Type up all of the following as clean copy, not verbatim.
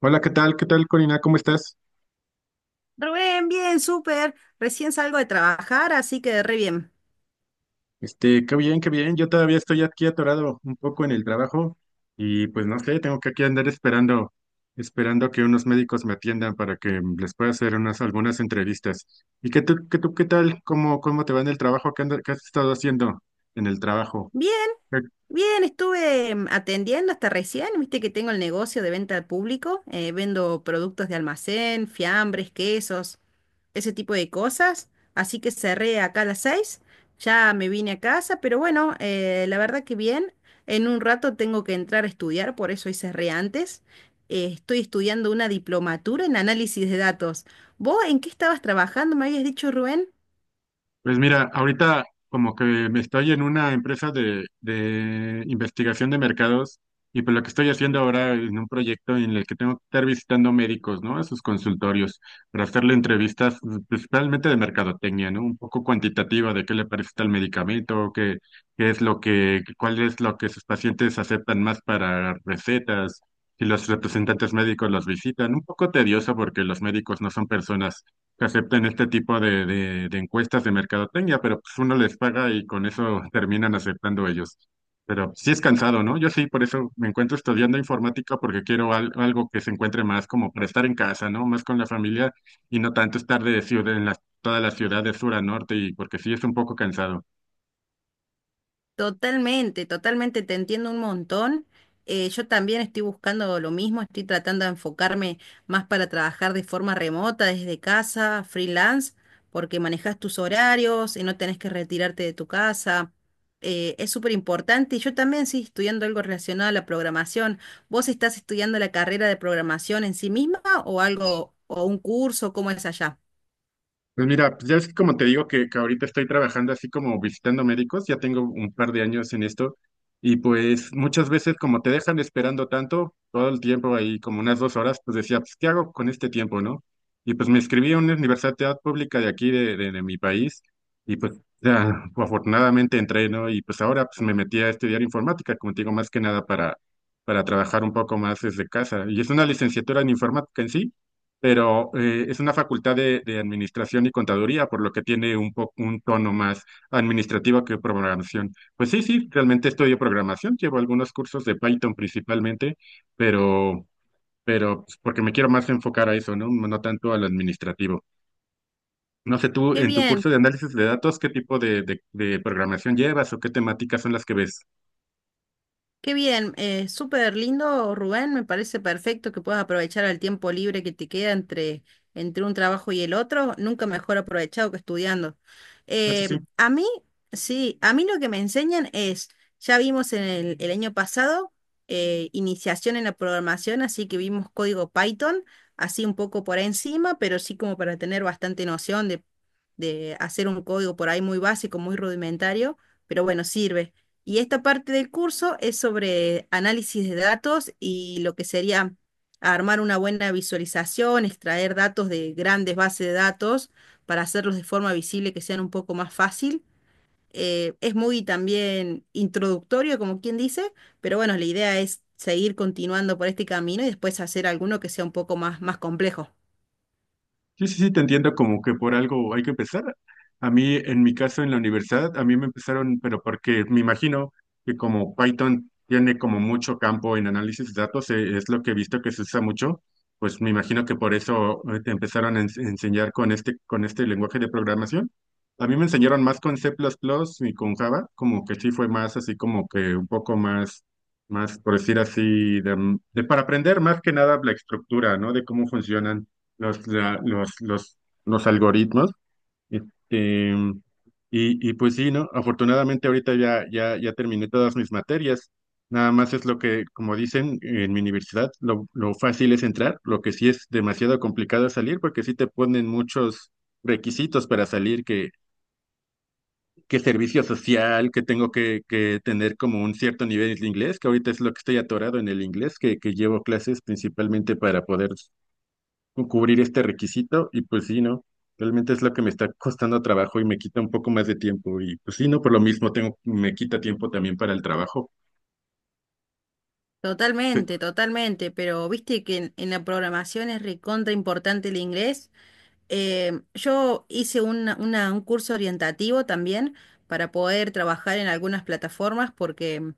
Hola, ¿qué tal? ¿Qué tal, Corina? ¿Cómo estás? Rubén, bien, súper. Recién salgo de trabajar, así que re bien. Este, qué bien, qué bien. Yo todavía estoy aquí atorado un poco en el trabajo y pues no sé, tengo que aquí andar esperando que unos médicos me atiendan para que les pueda hacer unas algunas entrevistas. ¿Y qué tal? ¿Cómo te va en el trabajo? ¿ Qué has estado haciendo en el trabajo? Bien, bien, estuve atendiendo hasta recién. Viste que tengo el negocio de venta al público. Vendo productos de almacén, fiambres, quesos, ese tipo de cosas. Así que cerré acá a las seis. Ya me vine a casa, pero bueno, la verdad que bien. En un rato tengo que entrar a estudiar, por eso hoy cerré antes. Estoy estudiando una diplomatura en análisis de datos. ¿Vos en qué estabas trabajando? Me habías dicho, Rubén. Pues mira, ahorita como que me estoy en una empresa de investigación de mercados y pues lo que estoy haciendo ahora es un proyecto en el que tengo que estar visitando médicos, ¿no? A sus consultorios para hacerle entrevistas principalmente de mercadotecnia, ¿no? Un poco cuantitativa de qué le parece tal medicamento, qué, qué es lo que, cuál es lo que sus pacientes aceptan más para recetas. Si los representantes médicos los visitan, un poco tedioso porque los médicos no son personas que acepten este tipo de encuestas de mercadotecnia, pero pues uno les paga y con eso terminan aceptando ellos. Pero sí es cansado, ¿no? Yo sí, por eso me encuentro estudiando informática porque quiero algo que se encuentre más como para estar en casa, ¿no? Más con la familia y no tanto estar de ciudad en las, toda la ciudad de sur a norte y porque sí es un poco cansado. Totalmente, totalmente, te entiendo un montón. Yo también estoy buscando lo mismo, estoy tratando de enfocarme más para trabajar de forma remota, desde casa, freelance, porque manejas tus horarios y no tenés que retirarte de tu casa. Es súper importante y yo también estoy estudiando algo relacionado a la programación. ¿Vos estás estudiando la carrera de programación en sí misma o algo, o un curso? ¿Cómo es allá? Pues mira, pues ya es que como te digo que ahorita estoy trabajando así como visitando médicos, ya tengo un par de años en esto y pues muchas veces como te dejan esperando tanto, todo el tiempo ahí como unas 2 horas, pues decía, pues ¿qué hago con este tiempo, no? Y pues me inscribí a una universidad pública de aquí, de mi país, y pues ya, afortunadamente entré, ¿no? Y pues ahora pues me metí a estudiar informática, como te digo, más que nada para trabajar un poco más desde casa. Y es una licenciatura en informática en sí pero es una facultad de administración y contaduría, por lo que tiene un tono más administrativo que programación. Pues sí, sí, realmente estudio programación, llevo algunos cursos de Python principalmente, pero, pero pues, porque me quiero más enfocar a eso, ¿no? No tanto al administrativo. No sé, tú Qué en tu curso bien, de análisis de datos, ¿qué tipo de programación llevas o qué temáticas son las que ves? qué bien, súper lindo, Rubén. Me parece perfecto que puedas aprovechar el tiempo libre que te queda entre, entre un trabajo y el otro. Nunca mejor aprovechado que estudiando. Eso sí. A mí, sí, a mí lo que me enseñan es, ya vimos en el año pasado, iniciación en la programación, así que vimos código Python, así un poco por encima, pero sí como para tener bastante noción de hacer un código por ahí muy básico, muy rudimentario, pero bueno, sirve. Y esta parte del curso es sobre análisis de datos y lo que sería armar una buena visualización, extraer datos de grandes bases de datos para hacerlos de forma visible que sean un poco más fácil. Es muy también introductorio, como quien dice, pero bueno, la idea es seguir continuando por este camino y después hacer alguno que sea un poco más, más complejo. Sí, sí, sí, te entiendo como que por algo hay que empezar. A mí, en mi caso, en la universidad, a mí me empezaron, pero porque me imagino que como Python tiene como mucho campo en análisis de datos, es lo que he visto que se usa mucho, pues me imagino que por eso te empezaron a enseñar con este lenguaje de programación. A mí me enseñaron más con C++ y con Java, como que sí fue más así como que un poco más, más por decir así, de para aprender más que nada la estructura, ¿no? De cómo funcionan los, la- los algoritmos. Este, y pues sí, ¿no? Afortunadamente ahorita ya terminé todas mis materias. Nada más es lo que, como dicen en mi universidad, lo fácil es entrar, lo que sí es demasiado complicado es salir, porque sí te ponen muchos requisitos para salir, que servicio social, que tengo que tener como un cierto nivel de inglés, que ahorita es lo que estoy atorado en el inglés, que llevo clases principalmente para poder cubrir este requisito y pues sí, ¿no? Realmente es lo que me está costando trabajo y me quita un poco más de tiempo y pues sí, ¿no? Por lo mismo tengo, me quita tiempo también para el trabajo. Totalmente, totalmente, pero viste que en la programación es recontra importante el inglés. Yo hice un curso orientativo también para poder trabajar en algunas plataformas porque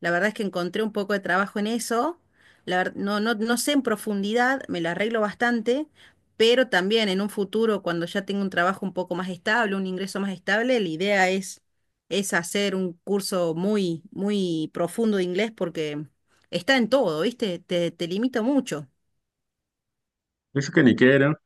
la verdad es que encontré un poco de trabajo en eso. No, no, no sé en profundidad, me la arreglo bastante, pero también en un futuro, cuando ya tenga un trabajo un poco más estable, un ingreso más estable, la idea es hacer un curso muy, muy profundo de inglés porque está en todo, ¿viste? Te limita mucho. Pienso que Niquero,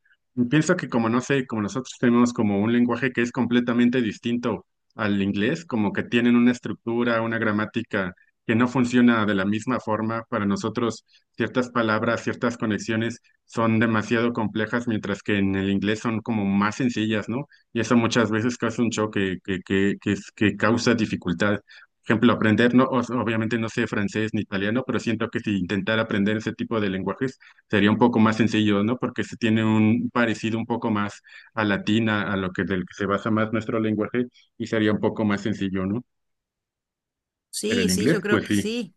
pienso que como no sé, como nosotros tenemos como un lenguaje que es completamente distinto al inglés, como que tienen una estructura, una gramática que no funciona de la misma forma, para nosotros ciertas palabras, ciertas conexiones son demasiado complejas, mientras que en el inglés son como más sencillas, ¿no? Y eso muchas veces causa un choque que causa dificultad. Por ejemplo, aprender, no, obviamente no sé francés ni italiano, pero siento que si intentara aprender ese tipo de lenguajes, sería un poco más sencillo, ¿no? Porque se tiene un parecido un poco más a latina, a lo que del que se basa más nuestro lenguaje, y sería un poco más sencillo, ¿no? Pero Sí, el sí, yo inglés, creo pues que sí. sí.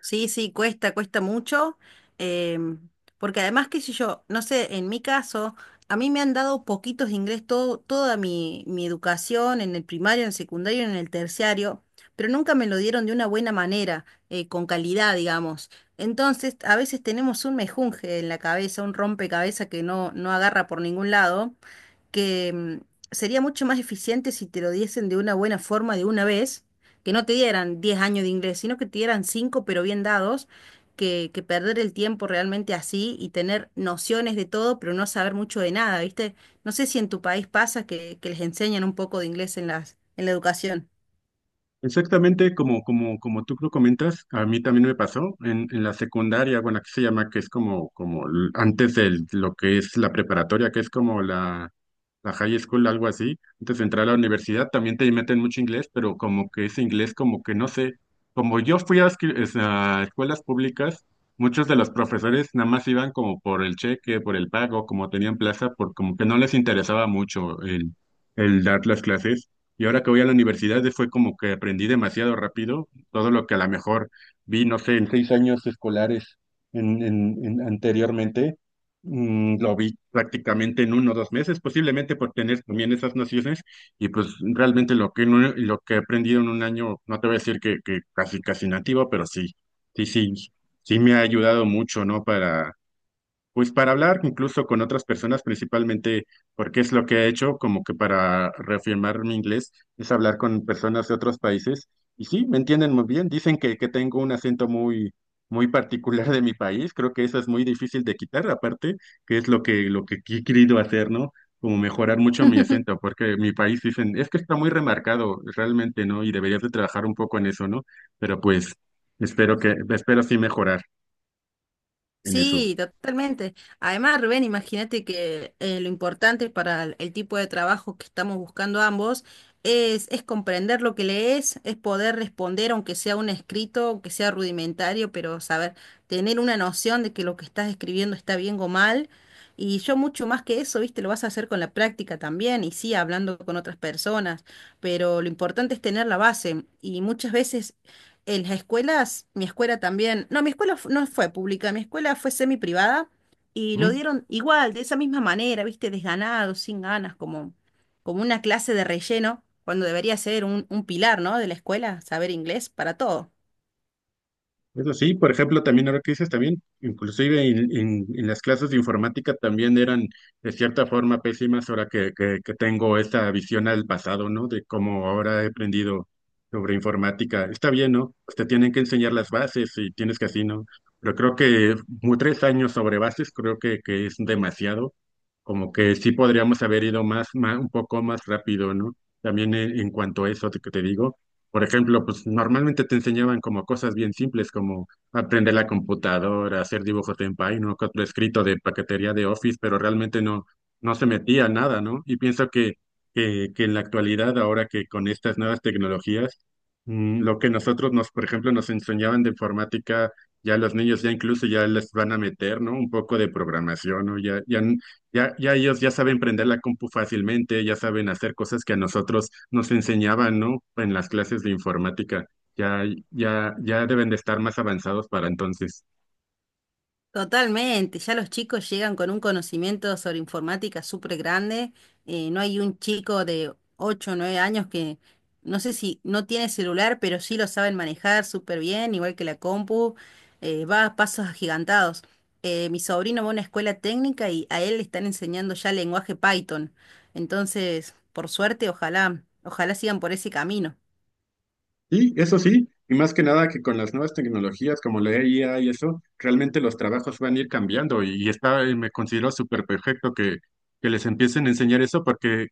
Sí, sí, cuesta, cuesta mucho, em, porque además, qué sé yo, no sé, en mi caso, a mí me han dado poquitos de inglés toda mi educación en el primario, en el secundario, en el terciario, pero nunca me lo dieron de una buena manera, con calidad, digamos. Entonces, a veces tenemos un mejunje en la cabeza, un rompecabezas que no, no agarra por ningún lado que sería mucho más eficiente si te lo diesen de una buena forma de una vez, que no te dieran 10 años de inglés, sino que te dieran 5 pero bien dados, que perder el tiempo realmente así y tener nociones de todo pero no saber mucho de nada, ¿viste? No sé si en tu país pasa que les enseñan un poco de inglés en la educación. Exactamente como tú lo comentas, a mí también me pasó en la secundaria, bueno, aquí se llama que es como, antes de lo que es la preparatoria, que es como la high school, algo así. Antes de entrar a la universidad también te meten mucho inglés, pero como que ese inglés como que no sé, como yo fui a escuelas públicas, muchos de los profesores nada más iban como por el cheque, por el pago, como tenían plaza, por como que no les interesaba mucho el dar las clases. Y ahora que voy a la universidad fue como que aprendí demasiado rápido todo lo que a lo mejor vi, no sé, en 6 años escolares en, anteriormente, lo vi prácticamente en 1 o 2 meses, posiblemente por tener también esas nociones. Y pues realmente lo que, lo que he aprendido en un año, no te voy a decir que casi, casi nativo, pero sí, sí, sí, sí me ha ayudado mucho, ¿no? Pues para hablar incluso con otras personas, principalmente porque es lo que he hecho, como que para reafirmar mi inglés, es hablar con personas de otros países. Y sí, me entienden muy bien. Dicen que tengo un acento muy, muy particular de mi país. Creo que eso es muy difícil de quitar, aparte, que es lo que he querido hacer, ¿no? Como mejorar mucho mi acento, porque mi país dicen, es que está muy remarcado realmente, ¿no? Y deberías de trabajar un poco en eso, ¿no? Pero pues espero que, espero sí mejorar en eso. Sí, totalmente. Además, Rubén, imagínate que lo importante para el tipo de trabajo que estamos buscando ambos es comprender lo que lees, es poder responder, aunque sea un escrito, aunque sea rudimentario, pero saber, tener una noción de que lo que estás escribiendo está bien o mal. Y yo mucho más que eso, viste, lo vas a hacer con la práctica también, y sí, hablando con otras personas, pero lo importante es tener la base. Y muchas veces en las escuelas, mi escuela también, no, mi escuela no fue pública, mi escuela fue semi privada y lo dieron igual, de esa misma manera, viste, desganado, sin ganas, como, como una clase de relleno, cuando debería ser un pilar, ¿no? De la escuela, saber inglés para todo. Eso sí, por ejemplo, también ahora que dices también, inclusive en, en las clases de informática también eran de cierta forma pésimas ahora que tengo esta visión al pasado, ¿no? De cómo ahora he aprendido sobre informática. Está bien, ¿no? Pues te tienen que enseñar las bases y tienes que así, ¿no? Pero creo que 3 años sobre bases creo que es demasiado como que sí podríamos haber ido más, un poco más rápido, ¿no? También en cuanto a eso que te digo, por ejemplo, pues normalmente te enseñaban como cosas bien simples como aprender la computadora, hacer dibujos en Paint, ¿no? Otro escrito de paquetería de Office, pero realmente no, no se metía nada, ¿no? Y pienso que en la actualidad, ahora que con estas nuevas tecnologías, lo que nosotros nos, por ejemplo, nos enseñaban de informática, ya los niños ya incluso ya les van a meter, ¿no? Un poco de programación, ¿no? Ya ya ellos ya saben prender la compu fácilmente, ya saben hacer cosas que a nosotros nos enseñaban, ¿no? En las clases de informática. Ya, ya deben de estar más avanzados para entonces. Totalmente, ya los chicos llegan con un conocimiento sobre informática súper grande. No hay un chico de 8, o 9 años que no sé si no tiene celular, pero sí lo saben manejar súper bien, igual que la compu. Va a pasos agigantados. Mi sobrino va a una escuela técnica y a él le están enseñando ya lenguaje Python. Entonces, por suerte, ojalá, ojalá sigan por ese camino. Y eso sí, y más que nada que con las nuevas tecnologías como la IA y eso, realmente los trabajos van a ir cambiando. Y está, y me considero súper perfecto que les empiecen a enseñar eso porque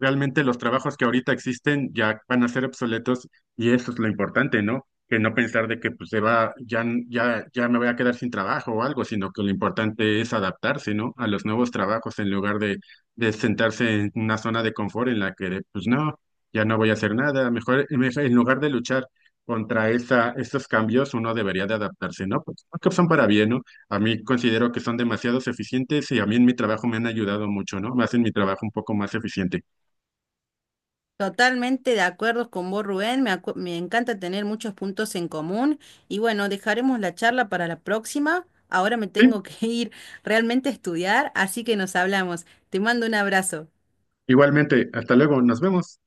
realmente los trabajos que ahorita existen ya van a ser obsoletos y eso es lo importante, ¿no? Que no pensar de que pues se va, ya me voy a quedar sin trabajo o algo, sino que lo importante es adaptarse, ¿no? A los nuevos trabajos en lugar de sentarse en una zona de confort en la que de, pues no, ya no voy a hacer nada. En lugar de luchar contra esos cambios, uno debería de adaptarse, ¿no? Pues creo que son para bien, ¿no? A mí considero que son demasiados eficientes y a mí en mi trabajo me han ayudado mucho, ¿no? Me hacen mi trabajo un poco más eficiente. Totalmente de acuerdo con vos, Rubén. Me encanta tener muchos puntos en común. Y bueno, dejaremos la charla para la próxima. Ahora me Sí, tengo que ir realmente a estudiar, así que nos hablamos. Te mando un abrazo. igualmente. Hasta luego. Nos vemos.